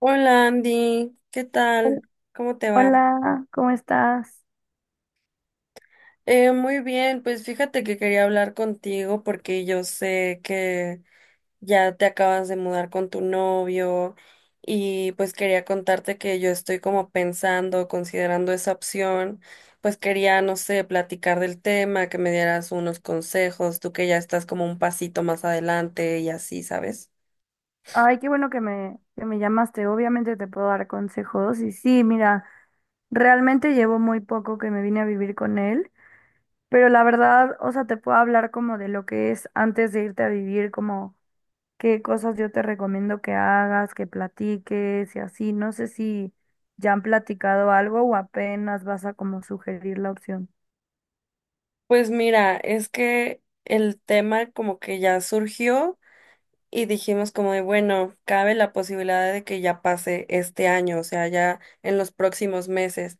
Hola Andy, ¿qué Hol- tal? ¿Cómo te va? Hola, ¿cómo estás? Muy bien, pues fíjate que quería hablar contigo porque yo sé que ya te acabas de mudar con tu novio y pues quería contarte que yo estoy como pensando, considerando esa opción, pues quería, no sé, platicar del tema, que me dieras unos consejos, tú que ya estás como un pasito más adelante y así, ¿sabes? Ay, qué bueno que me llamaste. Obviamente te puedo dar consejos. Y sí, mira, realmente llevo muy poco que me vine a vivir con él, pero la verdad, o sea, te puedo hablar como de lo que es antes de irte a vivir, como qué cosas yo te recomiendo que hagas, que platiques y así. No sé si ya han platicado algo o apenas vas a como sugerir la opción. Pues mira, es que el tema como que ya surgió. Y dijimos como de, bueno, cabe la posibilidad de que ya pase este año, o sea, ya en los próximos meses,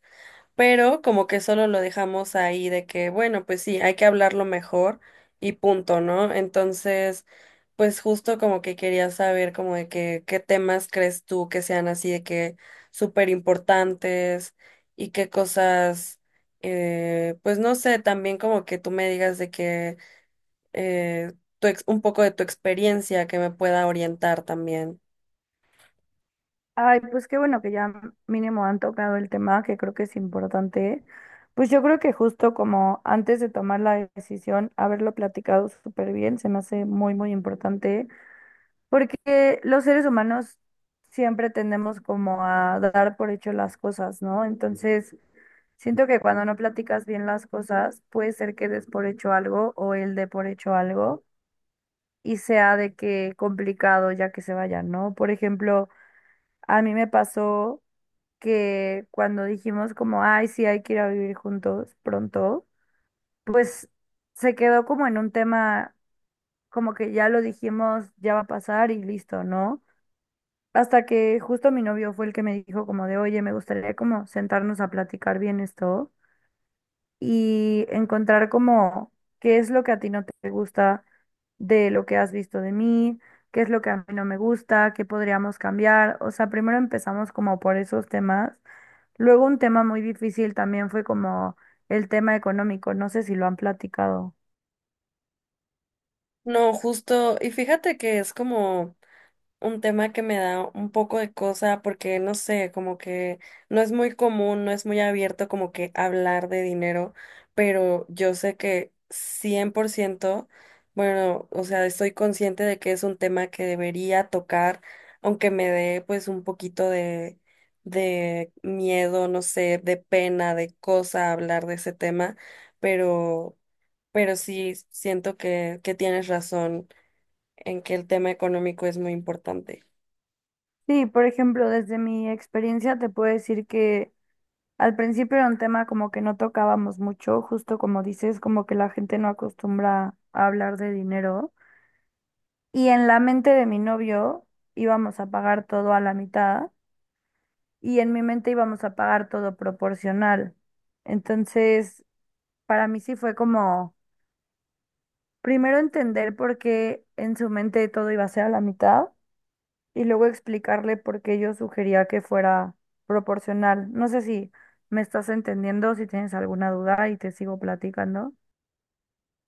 pero como que solo lo dejamos ahí de que, bueno, pues sí, hay que hablarlo mejor y punto, ¿no? Entonces, pues justo como que quería saber como de que, qué temas crees tú que sean así de que súper importantes y qué cosas, pues no sé, también como que tú me digas de que eh, un poco de tu experiencia que me pueda orientar también. Ay, pues qué bueno que ya mínimo han tocado el tema, que creo que es importante. Pues yo creo que justo como antes de tomar la decisión, haberlo platicado súper bien, se me hace muy, muy importante, porque los seres humanos siempre tendemos como a dar por hecho las cosas, ¿no? Entonces, siento que cuando no platicas bien las cosas, puede ser que des por hecho algo o él dé por hecho algo y sea de que complicado ya que se vayan, ¿no? Por ejemplo, a mí me pasó que cuando dijimos como, ay, sí, hay que ir a vivir juntos pronto, pues se quedó como en un tema, como que ya lo dijimos, ya va a pasar y listo, ¿no? Hasta que justo mi novio fue el que me dijo como de, oye, me gustaría como sentarnos a platicar bien esto y encontrar como qué es lo que a ti no te gusta de lo que has visto de mí, qué es lo que a mí no me gusta, qué podríamos cambiar. O sea, primero empezamos como por esos temas. Luego un tema muy difícil también fue como el tema económico, no sé si lo han platicado. No, justo, y fíjate que es como un tema que me da un poco de cosa porque no sé, como que no es muy común, no es muy abierto como que hablar de dinero, pero yo sé que 100%, bueno, o sea, estoy consciente de que es un tema que debería tocar, aunque me dé pues un poquito de miedo, no sé, de pena, de cosa hablar de ese tema, pero pero sí siento que tienes razón en que el tema económico es muy importante. Sí, por ejemplo, desde mi experiencia te puedo decir que al principio era un tema como que no tocábamos mucho, justo como dices, como que la gente no acostumbra a hablar de dinero. Y en la mente de mi novio íbamos a pagar todo a la mitad y en mi mente íbamos a pagar todo proporcional. Entonces, para mí sí fue como primero entender por qué en su mente todo iba a ser a la mitad y luego explicarle por qué yo sugería que fuera proporcional. No sé si me estás entendiendo, si tienes alguna duda y te sigo platicando.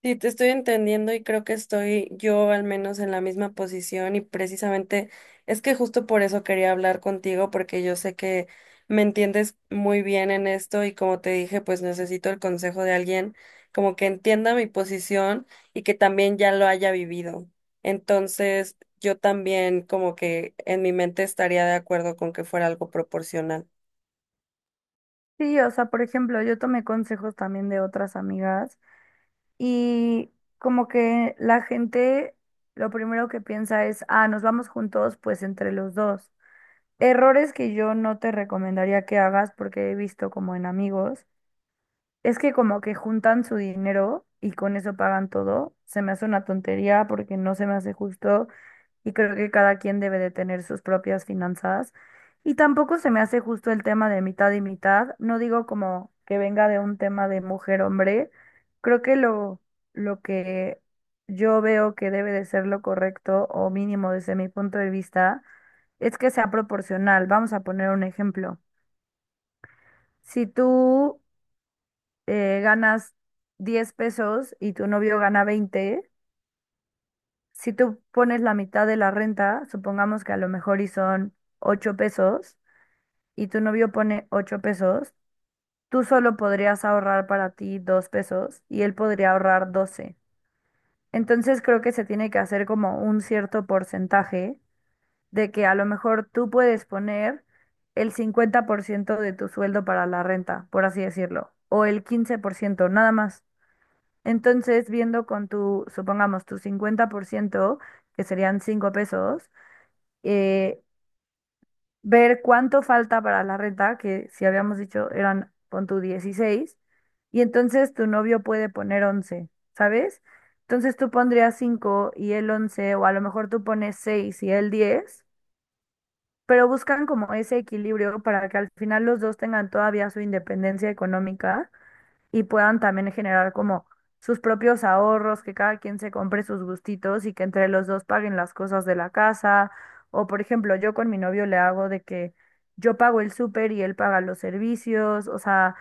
Sí, te estoy entendiendo y creo que estoy yo al menos en la misma posición y precisamente es que justo por eso quería hablar contigo porque yo sé que me entiendes muy bien en esto y como te dije, pues necesito el consejo de alguien como que entienda mi posición y que también ya lo haya vivido. Entonces, yo también como que en mi mente estaría de acuerdo con que fuera algo proporcional. Sí, o sea, por ejemplo, yo tomé consejos también de otras amigas y como que la gente lo primero que piensa es, ah, nos vamos juntos, pues entre los dos. Errores que yo no te recomendaría que hagas porque he visto como en amigos. Es que como que juntan su dinero y con eso pagan todo. Se me hace una tontería porque no se me hace justo y creo que cada quien debe de tener sus propias finanzas. Y tampoco se me hace justo el tema de mitad y mitad. No digo como que venga de un tema de mujer-hombre. Creo que lo que yo veo que debe de ser lo correcto o mínimo desde mi punto de vista es que sea proporcional. Vamos a poner un ejemplo. Si tú ganas 10 pesos y tu novio gana 20, si tú pones la mitad de la renta, supongamos que a lo mejor y son 8 pesos y tu novio pone 8 pesos, tú solo podrías ahorrar para ti 2 pesos y él podría ahorrar 12. Entonces creo que se tiene que hacer como un cierto porcentaje de que a lo mejor tú puedes poner el 50% de tu sueldo para la renta, por así decirlo, o el 15% nada más. Entonces, viendo con tu, supongamos, tu 50%, que serían 5 pesos, eh, ver cuánto falta para la renta, que si habíamos dicho eran con tu 16 y entonces tu novio puede poner 11, ¿sabes? Entonces tú pondrías 5 y él 11 o a lo mejor tú pones 6 y él 10, pero buscan como ese equilibrio para que al final los dos tengan todavía su independencia económica y puedan también generar como sus propios ahorros, que cada quien se compre sus gustitos y que entre los dos paguen las cosas de la casa. O por ejemplo, yo con mi novio le hago de que yo pago el súper y él paga los servicios, o sea,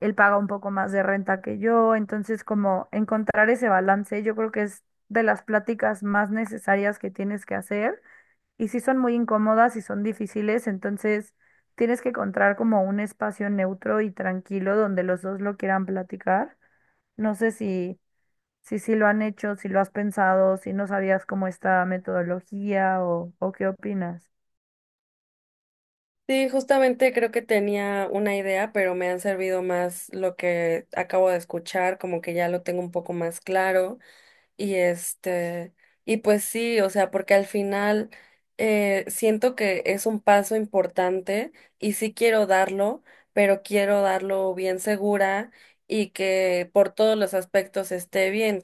él paga un poco más de renta que yo. Entonces, como encontrar ese balance, yo creo que es de las pláticas más necesarias que tienes que hacer y sí son muy incómodas y son difíciles, entonces tienes que encontrar como un espacio neutro y tranquilo donde los dos lo quieran platicar. No sé si, si, sí lo han hecho, si lo has pensado, si no sabías cómo esta metodología o qué opinas. Sí, justamente creo que tenía una idea, pero me han servido más lo que acabo de escuchar, como que ya lo tengo un poco más claro. Y y pues sí, o sea, porque al final siento que es un paso importante y sí quiero darlo, pero quiero darlo bien segura y que por todos los aspectos esté bien,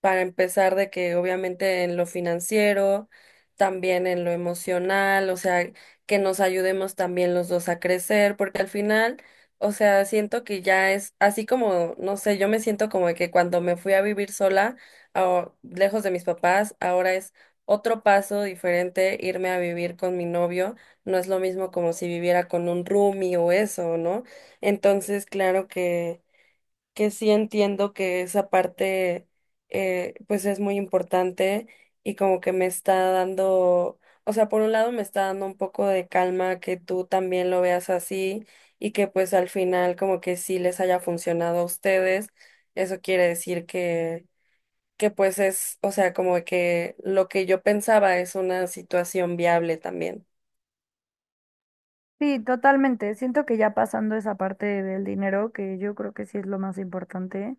para empezar de que obviamente en lo financiero, también en lo emocional, o sea, que nos ayudemos también los dos a crecer, porque al final, o sea, siento que ya es así como, no sé, yo me siento como de que cuando me fui a vivir sola, lejos de mis papás, ahora es otro paso diferente irme a vivir con mi novio, no es lo mismo como si viviera con un roomie o eso, ¿no? Entonces, claro que sí entiendo que esa parte, pues es muy importante y como que me está dando, o sea, por un lado me está dando un poco de calma que tú también lo veas así y que pues al final como que sí les haya funcionado a ustedes, eso quiere decir que que es, o sea, como que lo que yo pensaba es una situación viable también. Sí, totalmente. Siento que ya pasando esa parte del dinero, que yo creo que sí es lo más importante,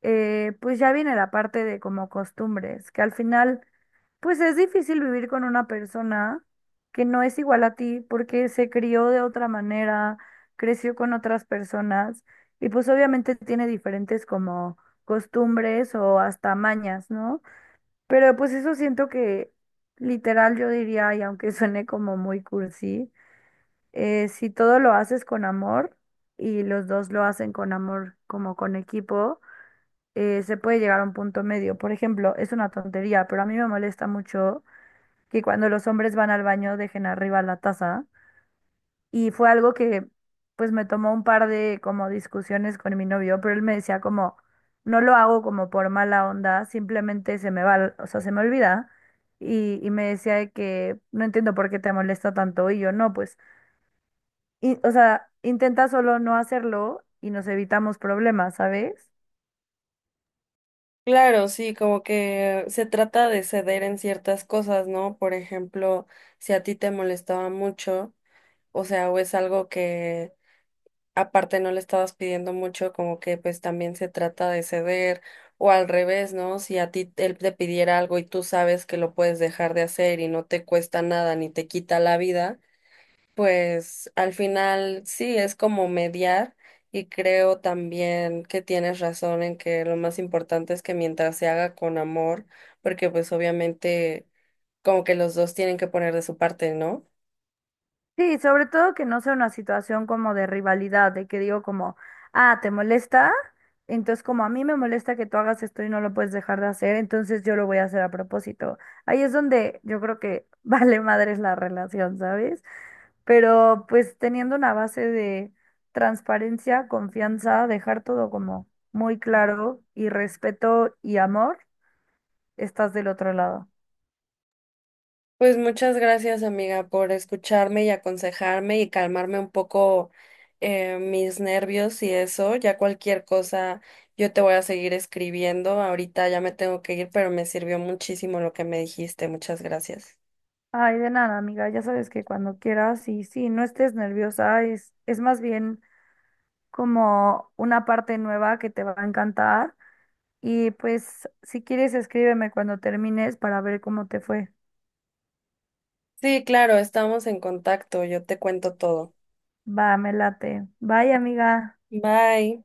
pues ya viene la parte de como costumbres, que al final pues es difícil vivir con una persona que no es igual a ti porque se crió de otra manera, creció con otras personas y pues obviamente tiene diferentes como costumbres o hasta mañas, ¿no? Pero pues eso siento que literal yo diría, y aunque suene como muy cursi, si todo lo haces con amor y los dos lo hacen con amor como con equipo, se puede llegar a un punto medio. Por ejemplo, es una tontería, pero a mí me molesta mucho que cuando los hombres van al baño dejen arriba la taza. Y fue algo que pues me tomó un par de como discusiones con mi novio, pero él me decía como, no lo hago como por mala onda, simplemente se me va, o sea, se me olvida. Y me decía de que no entiendo por qué te molesta tanto y yo no, pues, o sea, intenta solo no hacerlo y nos evitamos problemas, ¿sabes? Claro, sí, como que se trata de ceder en ciertas cosas, ¿no? Por ejemplo, si a ti te molestaba mucho, o sea, o es algo que aparte no le estabas pidiendo mucho, como que pues también se trata de ceder, o al revés, ¿no? Si a ti él te pidiera algo y tú sabes que lo puedes dejar de hacer y no te cuesta nada ni te quita la vida, pues al final sí, es como mediar, y creo también que tienes razón en que lo más importante es que mientras se haga con amor, porque pues obviamente como que los dos tienen que poner de su parte, ¿no? Sí, sobre todo que no sea una situación como de rivalidad, de que digo como, ah, ¿te molesta? Entonces como a mí me molesta que tú hagas esto y no lo puedes dejar de hacer, entonces yo lo voy a hacer a propósito. Ahí es donde yo creo que vale madres la relación, ¿sabes? Pero pues teniendo una base de transparencia, confianza, dejar todo como muy claro y respeto y amor, estás del otro lado. Pues muchas gracias, amiga, por escucharme y aconsejarme y calmarme un poco, mis nervios y eso. Ya cualquier cosa, yo te voy a seguir escribiendo. Ahorita ya me tengo que ir, pero me sirvió muchísimo lo que me dijiste. Muchas gracias. Ay, de nada, amiga. Ya sabes que cuando quieras y sí, no estés nerviosa, es más bien como una parte nueva que te va a encantar. Y pues, si quieres, escríbeme cuando termines para ver cómo te fue. Sí, claro, estamos en contacto, yo te cuento todo. Va, me late. Bye, amiga. Bye.